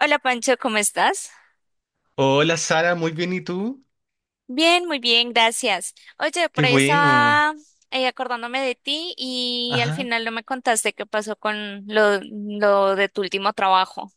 Hola Pancho, ¿cómo estás? Hola Sara, muy bien, ¿y tú? Bien, muy bien, gracias. Oye, Qué por ahí bueno. estaba acordándome de ti y al Ajá. final no me contaste qué pasó con lo de tu último trabajo.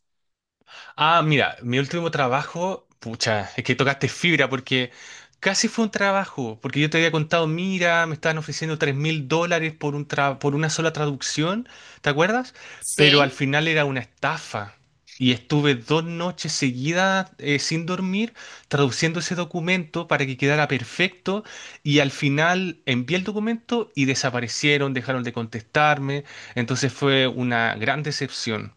Ah, mira, mi último trabajo, pucha, es que tocaste fibra porque casi fue un trabajo, porque yo te había contado, mira, me estaban ofreciendo 3.000 dólares por una sola traducción, ¿te acuerdas? Pero al Sí. final era una estafa y estuve 2 noches seguidas, sin dormir traduciendo ese documento para que quedara perfecto y al final envié el documento y desaparecieron, dejaron de contestarme, entonces fue una gran decepción.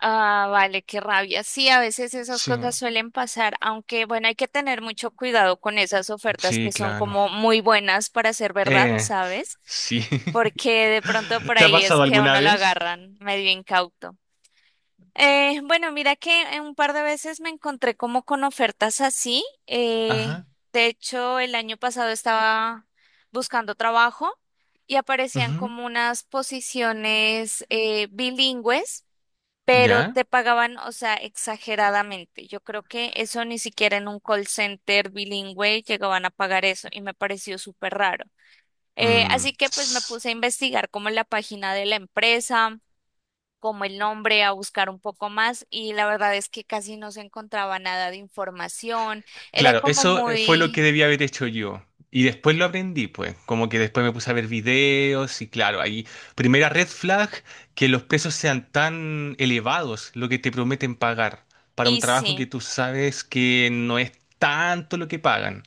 Ah, vale, qué rabia. Sí, a veces esas Sí, cosas suelen pasar, aunque bueno, hay que tener mucho cuidado con esas ofertas que sí, son claro. como muy buenas para ser verdad, Eh, ¿sabes? sí. Porque de pronto por ¿Te ha ahí es pasado que a alguna uno lo vez? agarran medio incauto. Bueno, mira que un par de veces me encontré como con ofertas así. Ajá. De hecho, el año pasado estaba buscando trabajo y aparecían Ujú. como unas posiciones bilingües, pero ¿Ya? te pagaban, o sea, exageradamente. Yo creo que eso ni siquiera en un call center bilingüe llegaban a pagar eso y me pareció súper raro. Mm. Así que pues me puse a investigar como en la página de la empresa, como el nombre, a buscar un poco más y la verdad es que casi no se encontraba nada de información. Era Claro, como eso, fue lo que muy... debía haber hecho yo. Y después lo aprendí, pues. Como que después me puse a ver videos y claro, ahí, primera red flag, que los precios sean tan elevados, lo que te prometen pagar, para un Y trabajo que sí, tú sabes que no es tanto lo que pagan.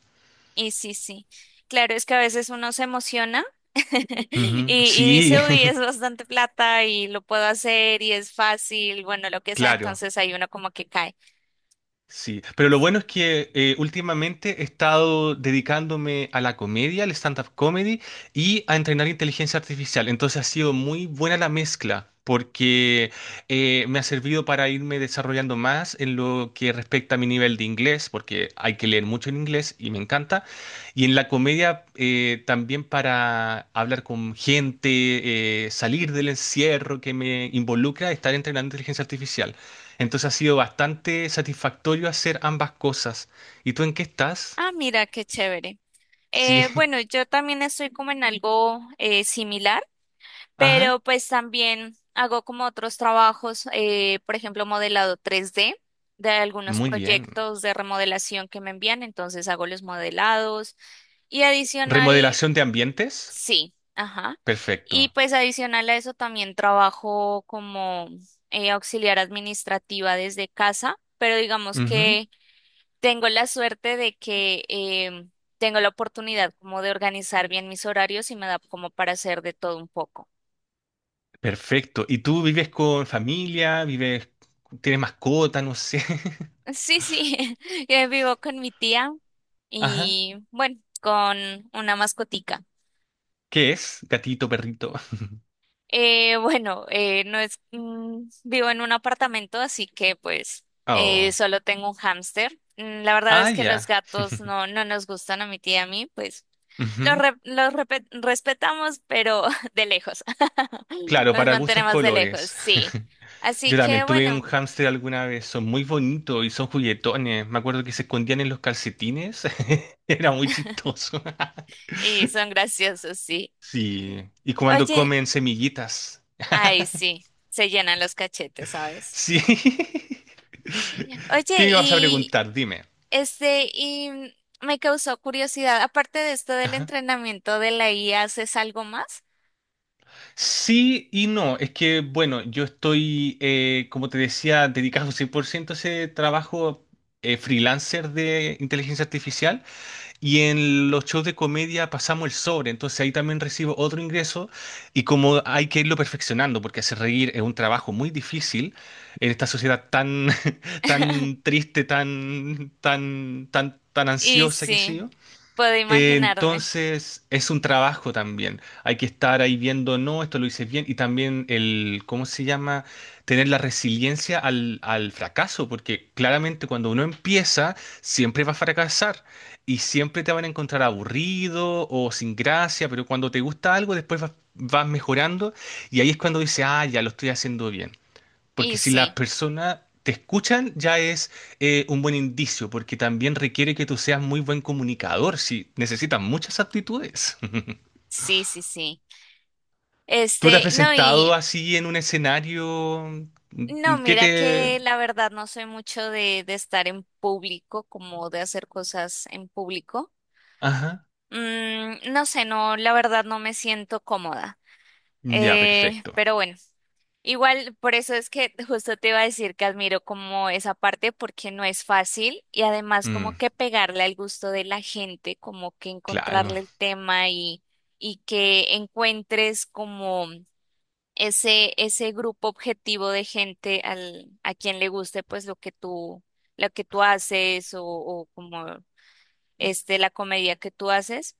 y sí, sí. Claro, es que a veces uno se emociona y, Ujú. y Sí, dice, uy, es bastante plata y lo puedo hacer y es fácil, bueno, lo que sea, claro. entonces ahí uno como que cae. Sí, pero lo bueno es que, últimamente he estado dedicándome a la comedia, al stand-up comedy y a entrenar inteligencia artificial. Entonces ha sido muy buena la mezcla porque, me ha servido para irme desarrollando más en lo que respecta a mi nivel de inglés, porque hay que leer mucho en inglés y me encanta. Y en la comedia, también para hablar con gente, salir del encierro que me involucra estar entrenando inteligencia artificial. Entonces ha sido bastante satisfactorio hacer ambas cosas. ¿Y tú en qué estás? Ah, mira, qué chévere. Sí. Bueno, yo también estoy como en algo similar. Pero Ajá. pues también hago como otros trabajos, por ejemplo, modelado 3D de algunos Muy bien. proyectos de remodelación que me envían, entonces hago los modelados y adicional, ¿Remodelación de ambientes? sí, ajá. Y Perfecto. pues adicional a eso también trabajo como auxiliar administrativa desde casa, pero digamos Ujú. que tengo la suerte de que tengo la oportunidad como de organizar bien mis horarios y me da como para hacer de todo un poco. Perfecto. ¿Y tú vives con familia? ¿Vives, tienes mascota? No sé. Sí, sí, vivo con mi tía Ajá. y bueno, con una mascotica. ¿Qué es? ¿Gatito, perrito? Bueno, no es, vivo en un apartamento, así que pues Oh. solo tengo un hámster. La verdad Ah, es que los ya. gatos no, no nos gustan a mi tía y a mí, pues los, Ujú. Los respetamos, pero de lejos. Claro, Los para gustos mantenemos de lejos, colores. sí. Así Yo que también tuve bueno, un hámster alguna vez, son muy bonitos y son juguetones. Me acuerdo que se escondían en los calcetines, era muy chistoso. y son graciosos, sí. Sí, y cuando Oye. comen semillitas. Ay, sí, se llenan los cachetes, ¿sabes? Sí. ¿Qué Oye, me ibas a y preguntar? Dime. Y me causó curiosidad, aparte de esto del Ajá. entrenamiento de la IA, ¿haces algo más? Sí y no, es que bueno, yo estoy, como te decía, dedicado 100% a ese trabajo, freelancer de inteligencia artificial. Y en los shows de comedia pasamos el sobre, entonces ahí también recibo otro ingreso y como hay que irlo perfeccionando, porque hacer reír es un trabajo muy difícil en esta sociedad tan, tan triste, tan, tan, tan, tan Y ansiosa que sé sí, yo. puedo imaginarme. Entonces es un trabajo también. Hay que estar ahí viendo, no, esto lo hice bien. Y también el, ¿cómo se llama? Tener la resiliencia al fracaso, porque claramente cuando uno empieza, siempre va a fracasar y siempre te van a encontrar aburrido o sin gracia, pero cuando te gusta algo, después vas mejorando y ahí es cuando dices, ah, ya lo estoy haciendo bien. Y Porque si las sí, personas te escuchan, ya es, un buen indicio, porque también requiere que tú seas muy buen comunicador, si necesitas muchas aptitudes. sí, sí, sí. ¿Tú te has No, presentado y así en un escenario, no, mm, que mira que te...? la verdad no soy mucho de estar en público, como de hacer cosas en público. Ajá. No sé, no, la verdad no me siento cómoda. Ya, perfecto. Pero bueno, igual por eso es que justo te iba a decir que admiro como esa parte porque no es fácil y además como Mm, que pegarle al gusto de la gente, como que claro. encontrarle el tema y que encuentres como ese grupo objetivo de gente al, a quien le guste pues lo que tú haces o como la comedia que tú haces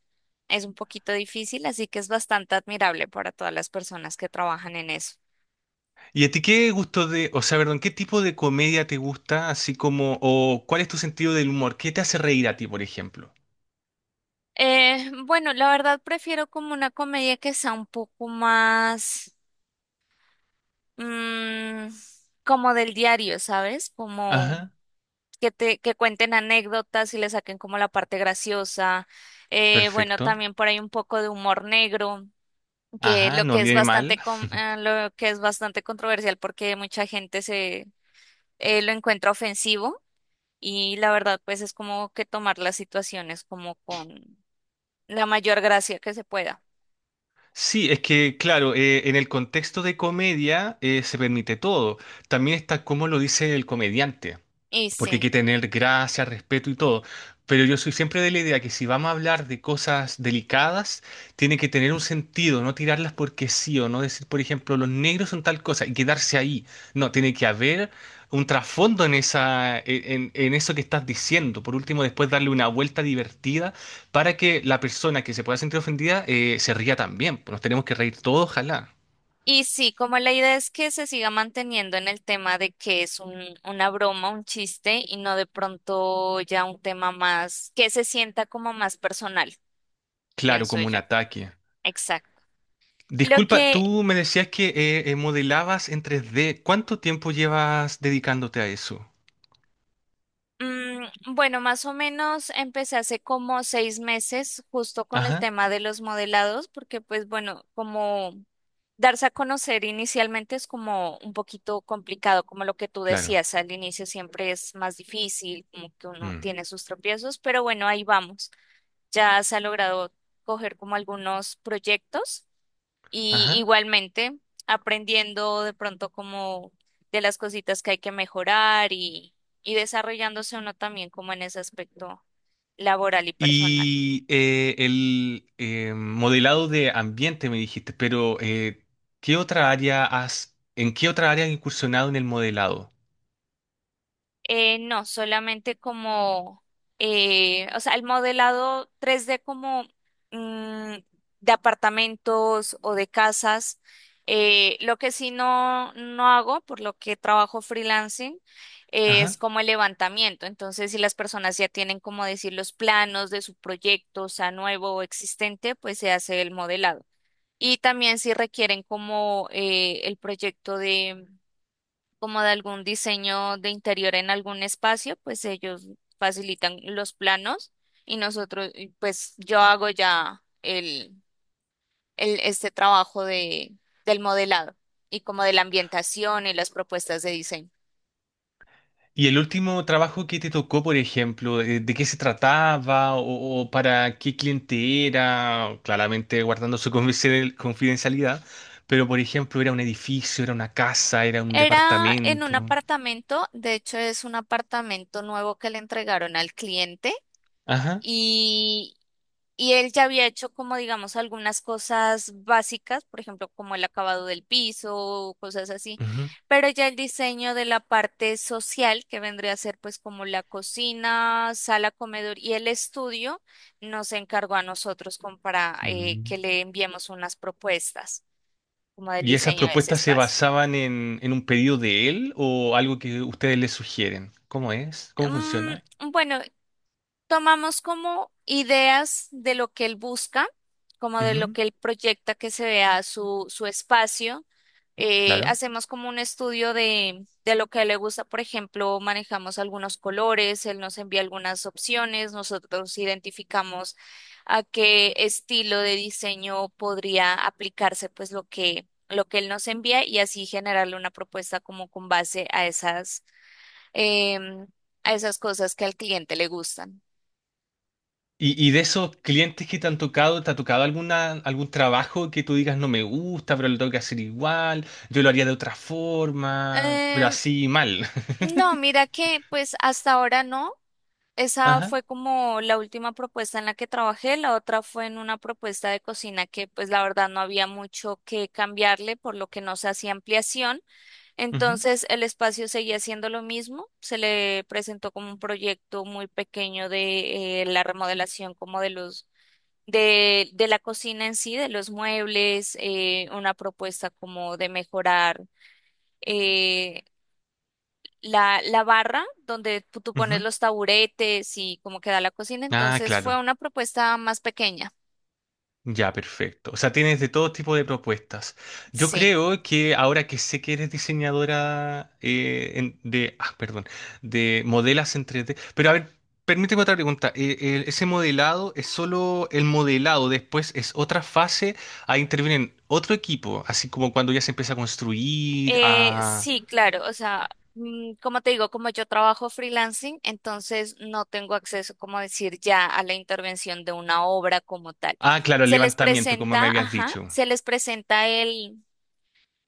es un poquito difícil, así que es bastante admirable para todas las personas que trabajan en eso. ¿Y a ti qué gusto de, o sea, perdón, qué tipo de comedia te gusta, así como, o cuál es tu sentido del humor? ¿Qué te hace reír a ti, por ejemplo? Bueno, la verdad prefiero como una comedia que sea un poco más mm, como del diario, ¿sabes? Como Ajá, que te que cuenten anécdotas y le saquen como la parte graciosa. Bueno, perfecto. también por ahí un poco de humor negro, que Ajá, lo no que es viene bastante mal. Lo que es bastante controversial porque mucha gente lo encuentra ofensivo y la verdad pues es como que tomar las situaciones como con la mayor gracia que se pueda. Sí, es que, claro, en el contexto de comedia se permite todo. También está cómo lo dice el comediante, Y porque hay sí, que tener gracia, respeto y todo. Pero yo soy siempre de la idea que si vamos a hablar de cosas delicadas, tiene que tener un sentido, no tirarlas porque sí o no decir, por ejemplo, los negros son tal cosa y quedarse ahí. No, tiene que haber un trasfondo en eso que estás diciendo. Por último, después darle una vuelta divertida para que la persona que se pueda sentir ofendida, se ría también. Pues nos tenemos que reír todos, ojalá. y sí, como la idea es que se siga manteniendo en el tema de que es un, una broma, un chiste y no de pronto ya un tema más que se sienta como más personal, Claro, pienso como un yo. ataque. Exacto. Lo Disculpa, que tú me decías que modelabas en 3D. ¿Cuánto tiempo llevas dedicándote a eso? Mm, bueno, más o menos empecé hace como 6 meses justo con el Ajá, tema de los modelados, porque pues bueno, como darse a conocer inicialmente es como un poquito complicado, como lo que tú claro. decías, al inicio siempre es más difícil, como que uno Mm. tiene sus tropiezos, pero bueno, ahí vamos. Ya se ha logrado coger como algunos proyectos. Y Ajá. igualmente aprendiendo de pronto como de las cositas que hay que mejorar y desarrollándose uno también como en ese aspecto laboral y personal. Y, el, modelado de ambiente me dijiste, pero, ¿qué otra área has, ¿en qué otra área has incursionado en el modelado? No, solamente como, o sea, el modelado 3D como mm, de apartamentos o de casas. Lo que sí no, no hago, por lo que trabajo freelancing, es como el levantamiento. Entonces, si las personas ya tienen, como decir, los planos de su proyecto, o sea, nuevo o existente, pues se hace el modelado. Y también si requieren como el proyecto como de algún diseño de interior en algún espacio, pues ellos facilitan los planos y nosotros, y pues yo hago ya el, trabajo de, del modelado y como de la ambientación y las propuestas de diseño. ¿Y el último trabajo que te tocó, por ejemplo, de qué se trataba, o para qué cliente era? Claramente guardando su confidencialidad, pero por ejemplo, ¿era un edificio, era una casa, era un Era en un departamento? apartamento, de hecho es un apartamento nuevo que le entregaron al cliente Ajá. y Y él ya había hecho como, digamos, algunas cosas básicas, por ejemplo, como el acabado del piso, cosas así, Ujú. pero ya el diseño de la parte social, que vendría a ser pues como la cocina, sala, comedor y el estudio, nos encargó a nosotros como para Mm. que le enviemos unas propuestas como del ¿Y esas diseño de ese propuestas se espacio. basaban en un pedido de él o algo que ustedes le sugieren? ¿Cómo es? ¿Cómo funciona? Bueno, tomamos como ideas de lo que él busca, como de lo Ujú. que él proyecta que se vea su, su espacio. Claro. Hacemos como un estudio de lo que a él le gusta, por ejemplo, manejamos algunos colores, él nos envía algunas opciones, nosotros identificamos a qué estilo de diseño podría aplicarse pues lo que él nos envía y así generarle una propuesta como con base a esas, em, a esas cosas que al cliente le gustan. Y de esos clientes que te han tocado, ¿te ha tocado algún trabajo que tú digas no me gusta, pero lo tengo que hacer igual? Yo lo haría de otra forma, pero Eh, así mal. no, mira que pues hasta ahora no. Esa Ajá. fue como la última propuesta en la que trabajé. La otra fue en una propuesta de cocina que pues la verdad no había mucho que cambiarle, por lo que no se hacía ampliación. Ujú, Entonces el espacio seguía siendo lo mismo. Se le presentó como un proyecto muy pequeño de la remodelación como de los de la cocina en sí, de los muebles, una propuesta como de mejorar. eh, la, la barra donde tú pones ujú. los taburetes y cómo queda la cocina. Ah, Entonces claro. fue una propuesta más pequeña. Ya, perfecto. O sea, tienes de todo tipo de propuestas. Yo Sí, creo que ahora que sé que eres diseñadora, en- de, ah, perdón, de modelas en 3D, pero a ver, permíteme otra pregunta. Ese modelado es solo el modelado, después es otra fase, ahí intervienen otro equipo, así como cuando ya se empieza a construir, a... sí, claro. O sea, como te digo, como yo trabajo freelancing, entonces no tengo acceso, como decir, ya a la intervención de una obra como tal. Ah, claro, el Se les levantamiento, como me presenta, habías ajá, dicho. se les presenta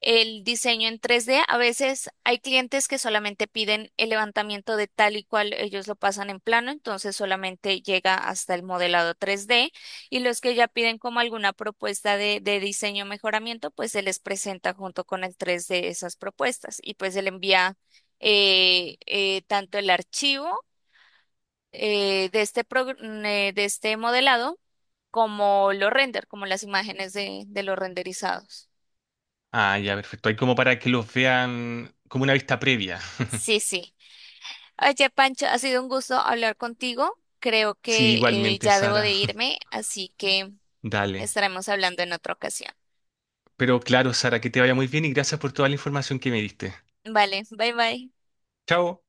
el diseño en 3D. A veces hay clientes que solamente piden el levantamiento de tal y cual ellos lo pasan en plano, entonces solamente llega hasta el modelado 3D. Y los que ya piden como alguna propuesta de diseño o mejoramiento, pues se les presenta junto con el 3D esas propuestas y pues se le envía tanto el archivo de este, de este modelado como los render, como las imágenes de los renderizados. Ah, ya, perfecto. Hay como para que los vean como una vista previa. Sí, sí. Oye, Pancho, ha sido un gusto hablar contigo. Creo Sí, que igualmente, ya debo Sara. de irme, así que Dale. estaremos hablando en otra ocasión. Pero claro, Sara, que te vaya muy bien y gracias por toda la información que me diste. Vale, bye bye. Chao.